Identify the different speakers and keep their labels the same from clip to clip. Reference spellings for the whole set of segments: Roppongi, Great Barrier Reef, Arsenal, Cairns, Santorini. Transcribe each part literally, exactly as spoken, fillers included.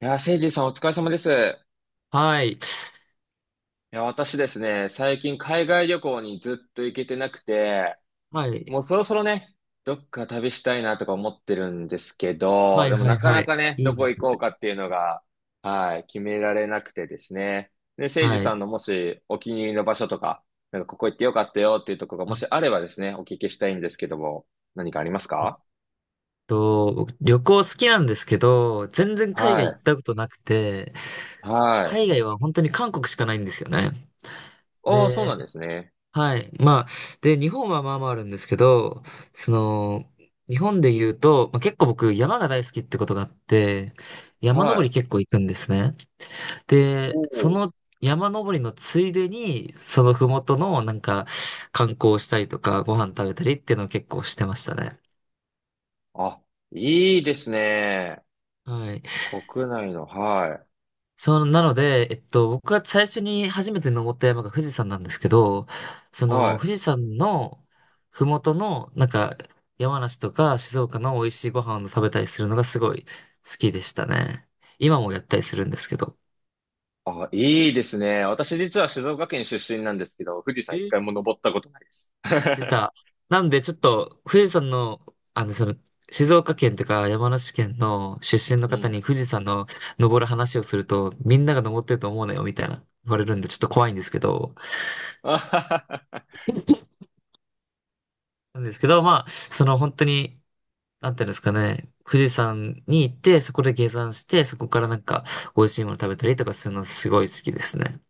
Speaker 1: いやー、せいじさんお疲れ様です。
Speaker 2: はい。
Speaker 1: いや、私ですね、最近海外旅行にずっと行けてなくて、
Speaker 2: はい。
Speaker 1: もうそろそろね、どっか旅したいなとか思ってるんですけ
Speaker 2: は
Speaker 1: ど、
Speaker 2: い、
Speaker 1: でも
Speaker 2: は
Speaker 1: な
Speaker 2: い、
Speaker 1: か
Speaker 2: は
Speaker 1: な
Speaker 2: い。
Speaker 1: かね、
Speaker 2: い
Speaker 1: ど
Speaker 2: いで
Speaker 1: こ行
Speaker 2: すね。
Speaker 1: こうかっていうのが、はい、決められなくてですね。で、せいじ
Speaker 2: は
Speaker 1: さん
Speaker 2: い。
Speaker 1: のもしお気に入りの場所とか、なんかここ行ってよかったよっていうところがもし
Speaker 2: あ
Speaker 1: あればですね、お聞きしたいんですけども、何かあります
Speaker 2: えっ
Speaker 1: か？
Speaker 2: と、僕旅行好きなんですけど、全然海
Speaker 1: は
Speaker 2: 外行っ
Speaker 1: い、
Speaker 2: たことなくて、
Speaker 1: はい。
Speaker 2: 海外は本当に韓国しかないんですよね。
Speaker 1: おー、そうなんで
Speaker 2: で、
Speaker 1: すね。
Speaker 2: はい。まあ、で、日本はまあまああるんですけど、その、日本で言うと、まあ、結構僕山が大好きってことがあって、山
Speaker 1: は
Speaker 2: 登り
Speaker 1: い。
Speaker 2: 結構行くんですね。で、
Speaker 1: お
Speaker 2: そ
Speaker 1: ー、
Speaker 2: の山登りのついでに、そのふもとのなんか観光したりとか、ご飯食べたりっていうのを結構してましたね。
Speaker 1: あ、いいですね。
Speaker 2: はい。
Speaker 1: 国内の、はい。
Speaker 2: そう、なので、えっと、僕が最初に初めて登った山が富士山なんですけど、そ
Speaker 1: は
Speaker 2: の
Speaker 1: い。
Speaker 2: 富士山のふもとの、なんか山梨とか静岡の美味しいご飯を食べたりするのがすごい好きでしたね。今もやったりするんですけど。
Speaker 1: あ、いいですね。私実は静岡県出身なんですけど、富士
Speaker 2: え
Speaker 1: 山一回
Speaker 2: ー
Speaker 1: も登ったことないです。
Speaker 2: 出た。なんで、ちょっと、富士山の、あの、その、静岡県とか山梨県の出身 の
Speaker 1: う
Speaker 2: 方
Speaker 1: ん。
Speaker 2: に富士山の登る話をすると、みんなが登ってると思うなよ、みたいな言われるんで、ちょっと怖いんですけど、
Speaker 1: あははは
Speaker 2: なんですけど、まあ、その本当に、なんていうんですかね、富士山に行って、そこで下山して、そこからなんか、美味しいもの食べたりとかするのすごい好きですね。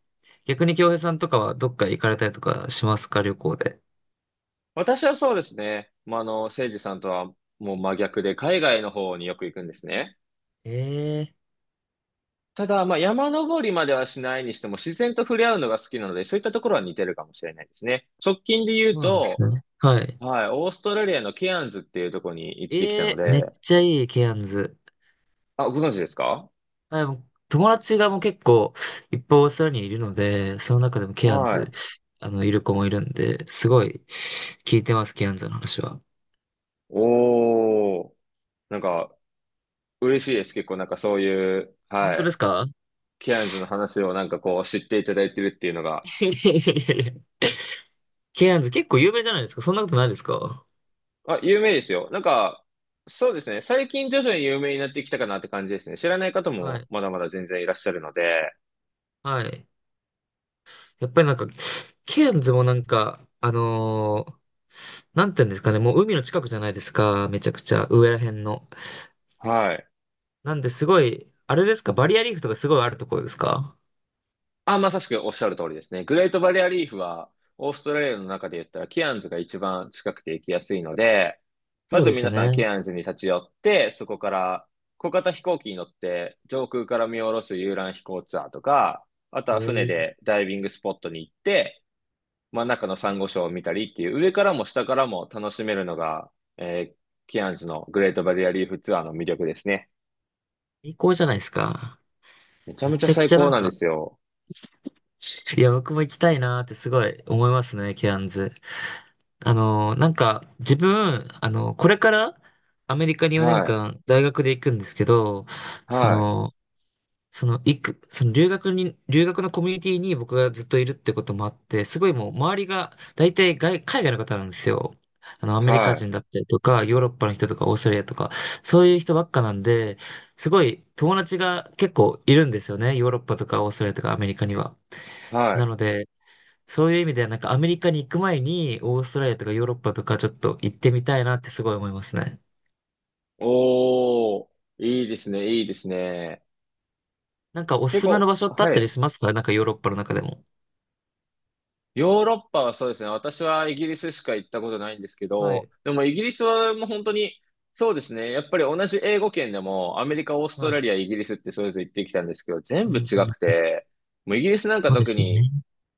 Speaker 2: 逆に京平さんとかはどっか行かれたりとかしますか、旅行で。
Speaker 1: 私はそうですね。まあ、あの、誠司さんとはもう真逆で、海外の方によく行くんですね。
Speaker 2: ええー
Speaker 1: ただ、まあ、山登りまではしないにしても、自然と触れ合うのが好きなので、そういったところは似てるかもしれないですね。直近で言う
Speaker 2: そうなんです
Speaker 1: と、
Speaker 2: ね。はい。
Speaker 1: はい、オーストラリアのケアンズっていうところに行ってきた
Speaker 2: え
Speaker 1: の
Speaker 2: えーめっ
Speaker 1: で、
Speaker 2: ちゃいい、ケアンズ。
Speaker 1: あ、ご存知ですか？
Speaker 2: あでも友達がもう結構いっぱいオーストラリアにいるので、その中でもケアン
Speaker 1: は
Speaker 2: ズ、
Speaker 1: い。
Speaker 2: あの、いる子もいるんで、すごい聞いてます、ケアンズの話は。
Speaker 1: おー。なんか、嬉しいです。結構なんかそういう、
Speaker 2: 本
Speaker 1: は
Speaker 2: 当で
Speaker 1: い、
Speaker 2: すか？
Speaker 1: ケアンズの話をなんかこう知っていただいてるっていうのが、
Speaker 2: いやいやいやいや。ケアンズ結構有名じゃないですか。そんなことないですか？
Speaker 1: あ、有名ですよ。なんか、そうですね。最近徐々に有名になってきたかなって感じですね。知らない方
Speaker 2: は
Speaker 1: も
Speaker 2: い。
Speaker 1: まだまだ全然いらっしゃるので、
Speaker 2: はい。やっぱりなんか、ケアンズもなんか、あのーなんて言うんですかね、もう海の近くじゃないですか。めちゃくちゃ、上ら辺の。
Speaker 1: はい。
Speaker 2: なんですごい、あれですか、バリアリーフとかすごいあるところですか？
Speaker 1: あ、まさしくおっしゃる通りですね。グレートバリアリーフは、オーストラリアの中で言ったら、ケアンズが一番近くて行きやすいので、ま
Speaker 2: そう
Speaker 1: ず
Speaker 2: です
Speaker 1: 皆
Speaker 2: よ
Speaker 1: さん
Speaker 2: ね。
Speaker 1: ケアンズに立ち寄って、そこから小型飛行機に乗って上空から見下ろす遊覧飛行ツアーとか、あと
Speaker 2: え
Speaker 1: は船
Speaker 2: ー、
Speaker 1: でダイビングスポットに行って、真ん中のサンゴ礁を見たりっていう、上からも下からも楽しめるのが、えーケアンズのグレートバリアリーフツアーの魅力ですね。
Speaker 2: 最高じゃないですか。
Speaker 1: めちゃ
Speaker 2: め
Speaker 1: めちゃ
Speaker 2: ちゃく
Speaker 1: 最
Speaker 2: ちゃな
Speaker 1: 高
Speaker 2: ん
Speaker 1: なんで
Speaker 2: か、
Speaker 1: すよ。
Speaker 2: いや、僕も行きたいなーってすごい思いますね、ケアンズ。あのーなんか、自分、あのーこれからアメリカに4
Speaker 1: はい、
Speaker 2: 年間大学で行くんですけど、そ
Speaker 1: はい、
Speaker 2: の、その、行く、その留学に、留学のコミュニティに僕がずっといるってこともあって、すごいもう周りが大体外、海外の方なんですよ。あの、アメリカ
Speaker 1: はい、
Speaker 2: 人だったりとか、ヨーロッパの人とか、オーストラリアとか、そういう人ばっかなんで、すごい友達が結構いるんですよね。ヨーロッパとかオーストラリアとかアメリカには。
Speaker 1: はい。
Speaker 2: なので、そういう意味ではなんかアメリカに行く前にオーストラリアとかヨーロッパとかちょっと行ってみたいなってすごい思いますね。
Speaker 1: おー、いいですね、いいですね。
Speaker 2: なんかおす
Speaker 1: 結
Speaker 2: すめの
Speaker 1: 構、
Speaker 2: 場所ってあっ
Speaker 1: は
Speaker 2: たり
Speaker 1: い。
Speaker 2: しますか？なんかヨーロッパの中でも。
Speaker 1: ヨーロッパはそうですね。私はイギリスしか行ったことないんですけ
Speaker 2: は
Speaker 1: ど、
Speaker 2: い。
Speaker 1: でもイギリスはもう本当に、そうですね。やっぱり同じ英語圏でも、アメリカ、オースト
Speaker 2: は
Speaker 1: ラ
Speaker 2: い。
Speaker 1: リア、イギリスってそれぞれ行ってきたんですけど、全
Speaker 2: う
Speaker 1: 部違
Speaker 2: ん
Speaker 1: く
Speaker 2: うん。
Speaker 1: て、もうイギリスなんか
Speaker 2: そうで
Speaker 1: 特
Speaker 2: すね。
Speaker 1: に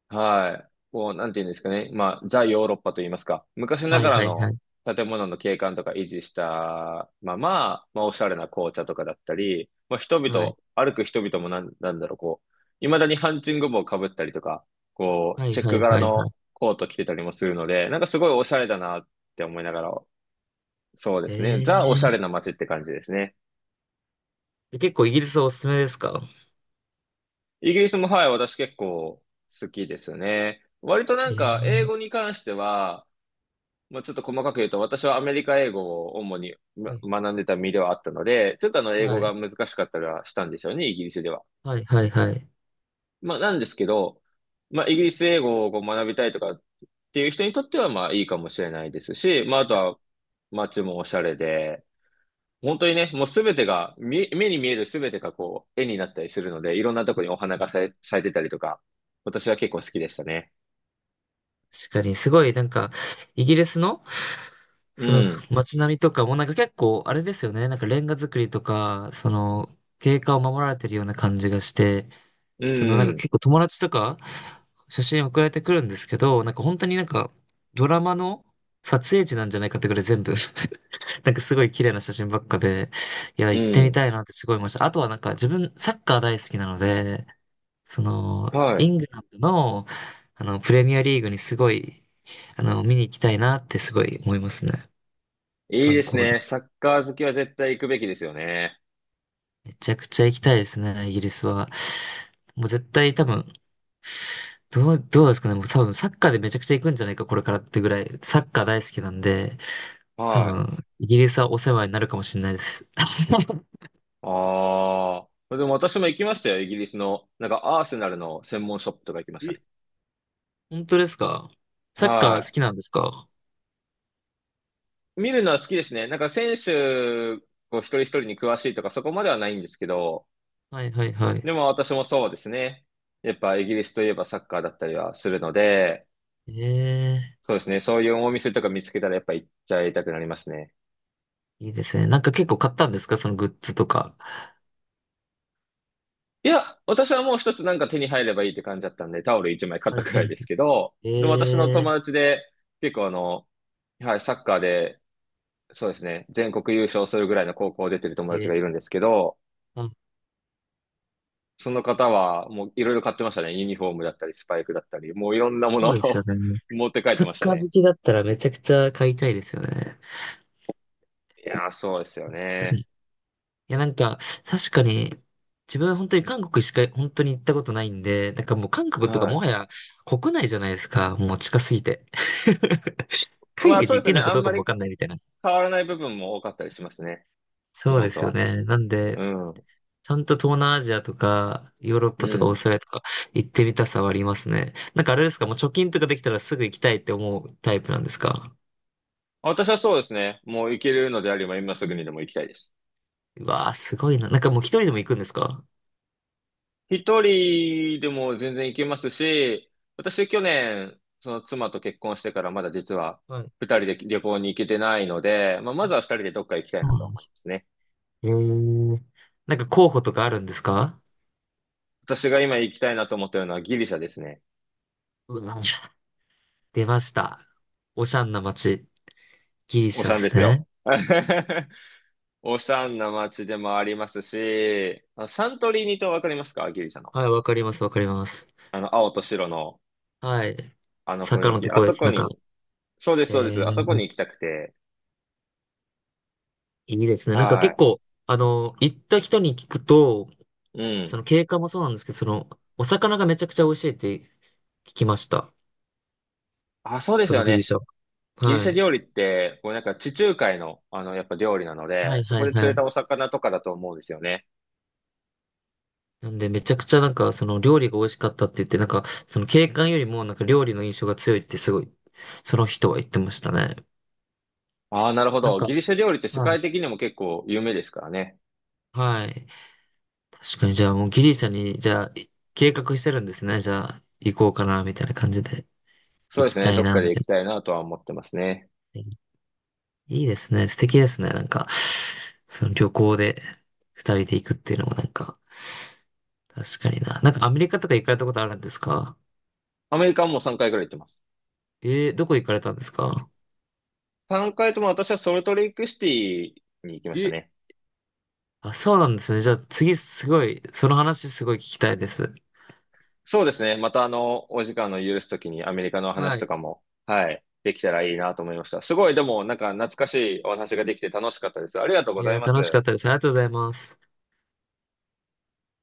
Speaker 1: はい。こう、なんていうんですかね。まあ、ザ・ヨーロッパと言いますか。昔な
Speaker 2: は
Speaker 1: が
Speaker 2: い
Speaker 1: ら
Speaker 2: はいは
Speaker 1: の
Speaker 2: い。
Speaker 1: 建物の景観とか維持したまま、まあ、おしゃれな紅茶とかだったり、まあ、人
Speaker 2: は
Speaker 1: 々、
Speaker 2: い。
Speaker 1: 歩く人々もなん、なんだろう、こう、未だにハンチング帽をかぶったりとか、こう、
Speaker 2: はい
Speaker 1: チェッ
Speaker 2: は
Speaker 1: ク
Speaker 2: い
Speaker 1: 柄
Speaker 2: はいはい。
Speaker 1: のコート着てたりもするので、なんかすごいおしゃれだなって思いながら、そうですね。ザ・おしゃれ
Speaker 2: え
Speaker 1: な街って感じですね。
Speaker 2: え結構イギリスはおすすめですか？
Speaker 1: イギリスも、はい、私結構好きですね。割となん
Speaker 2: え
Speaker 1: か、英
Speaker 2: え
Speaker 1: 語に関しては、もうちょっと細かく言うと、私はアメリカ英語を主に
Speaker 2: はい。
Speaker 1: ま学んでた身ではあったので、ちょっとあの英語
Speaker 2: は
Speaker 1: が
Speaker 2: い。
Speaker 1: 難しかったりはしたんですよね、イギリスでは。
Speaker 2: はいはいはい。
Speaker 1: まあなんですけど、まあイギリス英語をこう学びたいとかっていう人にとってはまあいいかもしれないですし、まああとは街もおしゃれで、本当にね、もうすべてが、み目に見えるすべてがこう絵になったりするので、いろんなとこにお花が咲い咲いてたりとか、私は結構好きでしたね。
Speaker 2: 確かに、すごい、なんか、イギリスの、
Speaker 1: う
Speaker 2: その
Speaker 1: ん、
Speaker 2: 街並みとかも、なんか結構、あれですよね、なんかレンガ造りとか、その、経過を守られてるような感じがして、
Speaker 1: う
Speaker 2: その、なんか
Speaker 1: ん、
Speaker 2: 結構友達とか、写真送られてくるんですけど、なんか本当になんか、ドラマの撮影地なんじゃないかってぐらい全部 なんかすごい綺麗な写真ばっかで、いや、
Speaker 1: う
Speaker 2: 行ってみ
Speaker 1: ん、
Speaker 2: たいなってすごい思いました。あとはなんか自分、サッカー大好きなので、その、
Speaker 1: はい。
Speaker 2: イングランドの、あの、プレミアリーグにすごいあの、見に行きたいなってすごい思いますね。
Speaker 1: いい
Speaker 2: 観
Speaker 1: です
Speaker 2: 光で。
Speaker 1: ね。サッカー好きは絶対行くべきですよね。
Speaker 2: めちゃくちゃ行きたいですね、イギリスは。もう絶対多分、どう、どうですかね。もう多分サッカーでめちゃくちゃ行くんじゃないか、これからってぐらい。サッカー大好きなんで、多
Speaker 1: はい。
Speaker 2: 分、イギリスはお世話になるかもしれないです。
Speaker 1: ああ。でも私も行きましたよ。イギリスの。なんかアーセナルの専門ショップとか行きました
Speaker 2: え、
Speaker 1: ね。
Speaker 2: 本当ですか？サッカー好
Speaker 1: は
Speaker 2: きなんですか？
Speaker 1: い。見るのは好きですね。なんか選手、こう一人一人に詳しいとかそこまではないんですけど、
Speaker 2: はいはいはい。
Speaker 1: でも私もそうですね。やっぱイギリスといえばサッカーだったりはするので、
Speaker 2: ええ
Speaker 1: そうですね。そういうお店とか見つけたらやっぱ行っちゃいたくなりますね。
Speaker 2: いいですね。なんか結構買ったんですか？そのグッズとか。
Speaker 1: いや、私はもう一つなんか手に入ればいいって感じだったんで、タオル一枚買っ
Speaker 2: は
Speaker 1: た
Speaker 2: い
Speaker 1: く
Speaker 2: は
Speaker 1: らい
Speaker 2: い。
Speaker 1: ですけど、でも私の
Speaker 2: ええ
Speaker 1: 友達で、結構あの、はい、サッカーで、そうですね、全国優勝するぐらいの高校を出てる友達
Speaker 2: え
Speaker 1: がいるんですけど、
Speaker 2: ー、
Speaker 1: その方はもういろいろ買ってましたね。ユニフォームだったり、スパイクだったり、もういろんなも
Speaker 2: そ
Speaker 1: のを
Speaker 2: うですよ ね。
Speaker 1: 持って帰って
Speaker 2: サッ
Speaker 1: ました
Speaker 2: カー
Speaker 1: ね。
Speaker 2: 好きだったらめちゃくちゃ買いたいですよね。
Speaker 1: いやー、そうですよ
Speaker 2: 確かに。
Speaker 1: ね。
Speaker 2: いや、なんか、確かに、自分は本当に韓国しか本当に行ったことないんで、なんかもう韓国とかもは
Speaker 1: は
Speaker 2: や国内じゃないですか。もう近すぎて。
Speaker 1: い。
Speaker 2: 海
Speaker 1: まあ
Speaker 2: 外
Speaker 1: そ
Speaker 2: で
Speaker 1: うで
Speaker 2: 行って
Speaker 1: す
Speaker 2: いい
Speaker 1: ね、
Speaker 2: のか
Speaker 1: あ
Speaker 2: ど
Speaker 1: ん
Speaker 2: うか
Speaker 1: ま
Speaker 2: も
Speaker 1: り
Speaker 2: わかんないみたいな。
Speaker 1: 変わらない部分も多かったりしますね。日
Speaker 2: そうで
Speaker 1: 本と
Speaker 2: すよ
Speaker 1: は。
Speaker 2: ね。なん
Speaker 1: う
Speaker 2: で、
Speaker 1: ん。
Speaker 2: ちゃんと東南アジアとか、ヨーロッ
Speaker 1: う
Speaker 2: パとかオー
Speaker 1: ん。
Speaker 2: ストラリアとか行ってみたさはありますね。なんかあれですか、もう貯金とかできたらすぐ行きたいって思うタイプなんですか？
Speaker 1: 私はそうですね。もう行けるのであれば今すぐにでも行きたいです。
Speaker 2: うわー、すごいな。なんかもう一人でも行くんですか？
Speaker 1: 一人でも全然行けますし、私去年、その妻と結婚してからまだ実は
Speaker 2: はい
Speaker 1: 二人で旅行に行けてないので、まあ、ま
Speaker 2: あ、
Speaker 1: ずは二人でどっか行きたい
Speaker 2: そ
Speaker 1: な
Speaker 2: う
Speaker 1: と
Speaker 2: なんで
Speaker 1: 思いま
Speaker 2: す。
Speaker 1: すね。
Speaker 2: えー、なんか候補とかあるんですか？
Speaker 1: 私が今行きたいなと思ってるのはギリシャですね。
Speaker 2: うわ、出ました。おしゃんな街。ギリ
Speaker 1: オ
Speaker 2: シャ
Speaker 1: シ
Speaker 2: で
Speaker 1: ャンで
Speaker 2: す
Speaker 1: す
Speaker 2: ね。
Speaker 1: よ。オシャンな街でもありますし、あサントリーニ島わかりますか？ギリシャの。
Speaker 2: はい、わかります、わかります。
Speaker 1: あの、青と白の
Speaker 2: はい。
Speaker 1: あの雰
Speaker 2: 坂
Speaker 1: 囲
Speaker 2: の
Speaker 1: 気。
Speaker 2: と
Speaker 1: あ
Speaker 2: こで
Speaker 1: そ
Speaker 2: す。
Speaker 1: こ
Speaker 2: なんか、
Speaker 1: に、そうです、
Speaker 2: え
Speaker 1: そうです。あそこ
Speaker 2: ー、
Speaker 1: に行きたくて。
Speaker 2: いいですね。なんか
Speaker 1: は
Speaker 2: 結
Speaker 1: い。
Speaker 2: 構、あの、行った人に聞くと、
Speaker 1: う
Speaker 2: そ
Speaker 1: ん。
Speaker 2: の景観もそうなんですけど、その、お魚がめちゃくちゃ美味しいって聞きました。
Speaker 1: あ、そうで
Speaker 2: そ
Speaker 1: す
Speaker 2: の
Speaker 1: よ
Speaker 2: ギリ
Speaker 1: ね。
Speaker 2: シャは。
Speaker 1: ギリ
Speaker 2: は
Speaker 1: シャ
Speaker 2: い。
Speaker 1: 料理って、もうなんか地中海の、あの、やっぱ料理なの
Speaker 2: は
Speaker 1: で、
Speaker 2: い、
Speaker 1: そ
Speaker 2: は
Speaker 1: こ
Speaker 2: い、
Speaker 1: で釣
Speaker 2: は
Speaker 1: れた
Speaker 2: い。
Speaker 1: お魚とかだと思うんですよね。
Speaker 2: なんで、めちゃくちゃなんか、その料理が美味しかったって言って、なんか、その景観よりもなんか料理の印象が強いってすごい、その人は言ってましたね。
Speaker 1: ああ、なるほ
Speaker 2: なん
Speaker 1: ど。
Speaker 2: か、
Speaker 1: ギリシャ料理って世
Speaker 2: はい。
Speaker 1: 界的にも結構有名ですからね。
Speaker 2: はい。確かに、じゃあもうギリシャに、じゃあ、い計画してるんですね。じゃあ、行こうかな、みたいな感じで。
Speaker 1: そう
Speaker 2: 行
Speaker 1: で
Speaker 2: き
Speaker 1: すね。
Speaker 2: たい
Speaker 1: どっ
Speaker 2: な、
Speaker 1: かで
Speaker 2: みた
Speaker 1: 行
Speaker 2: い
Speaker 1: きたいなとは思ってますね。
Speaker 2: な。いいですね。素敵ですね。なんか、その旅行で二人で行くっていうのもなんか、確かにな。なんかアメリカとか行かれたことあるんですか？
Speaker 1: アメリカはもうさんかいくらい行ってます。
Speaker 2: えー、どこ行かれたんですか？
Speaker 1: さんかいとも私はソルトレイクシティに行きました
Speaker 2: え、
Speaker 1: ね。
Speaker 2: あ、そうなんですね。じゃあ次すごい、その話すごい聞きたいです。
Speaker 1: そうですね。またあの、お時間の許すときにアメリカの
Speaker 2: は
Speaker 1: 話と
Speaker 2: い。
Speaker 1: かも、はい、できたらいいなと思いました。すごい、でもなんか懐かしいお話ができて楽しかったです。ありがとう
Speaker 2: い
Speaker 1: ござい
Speaker 2: や、
Speaker 1: ます。
Speaker 2: 楽しかったです。ありがとうございます。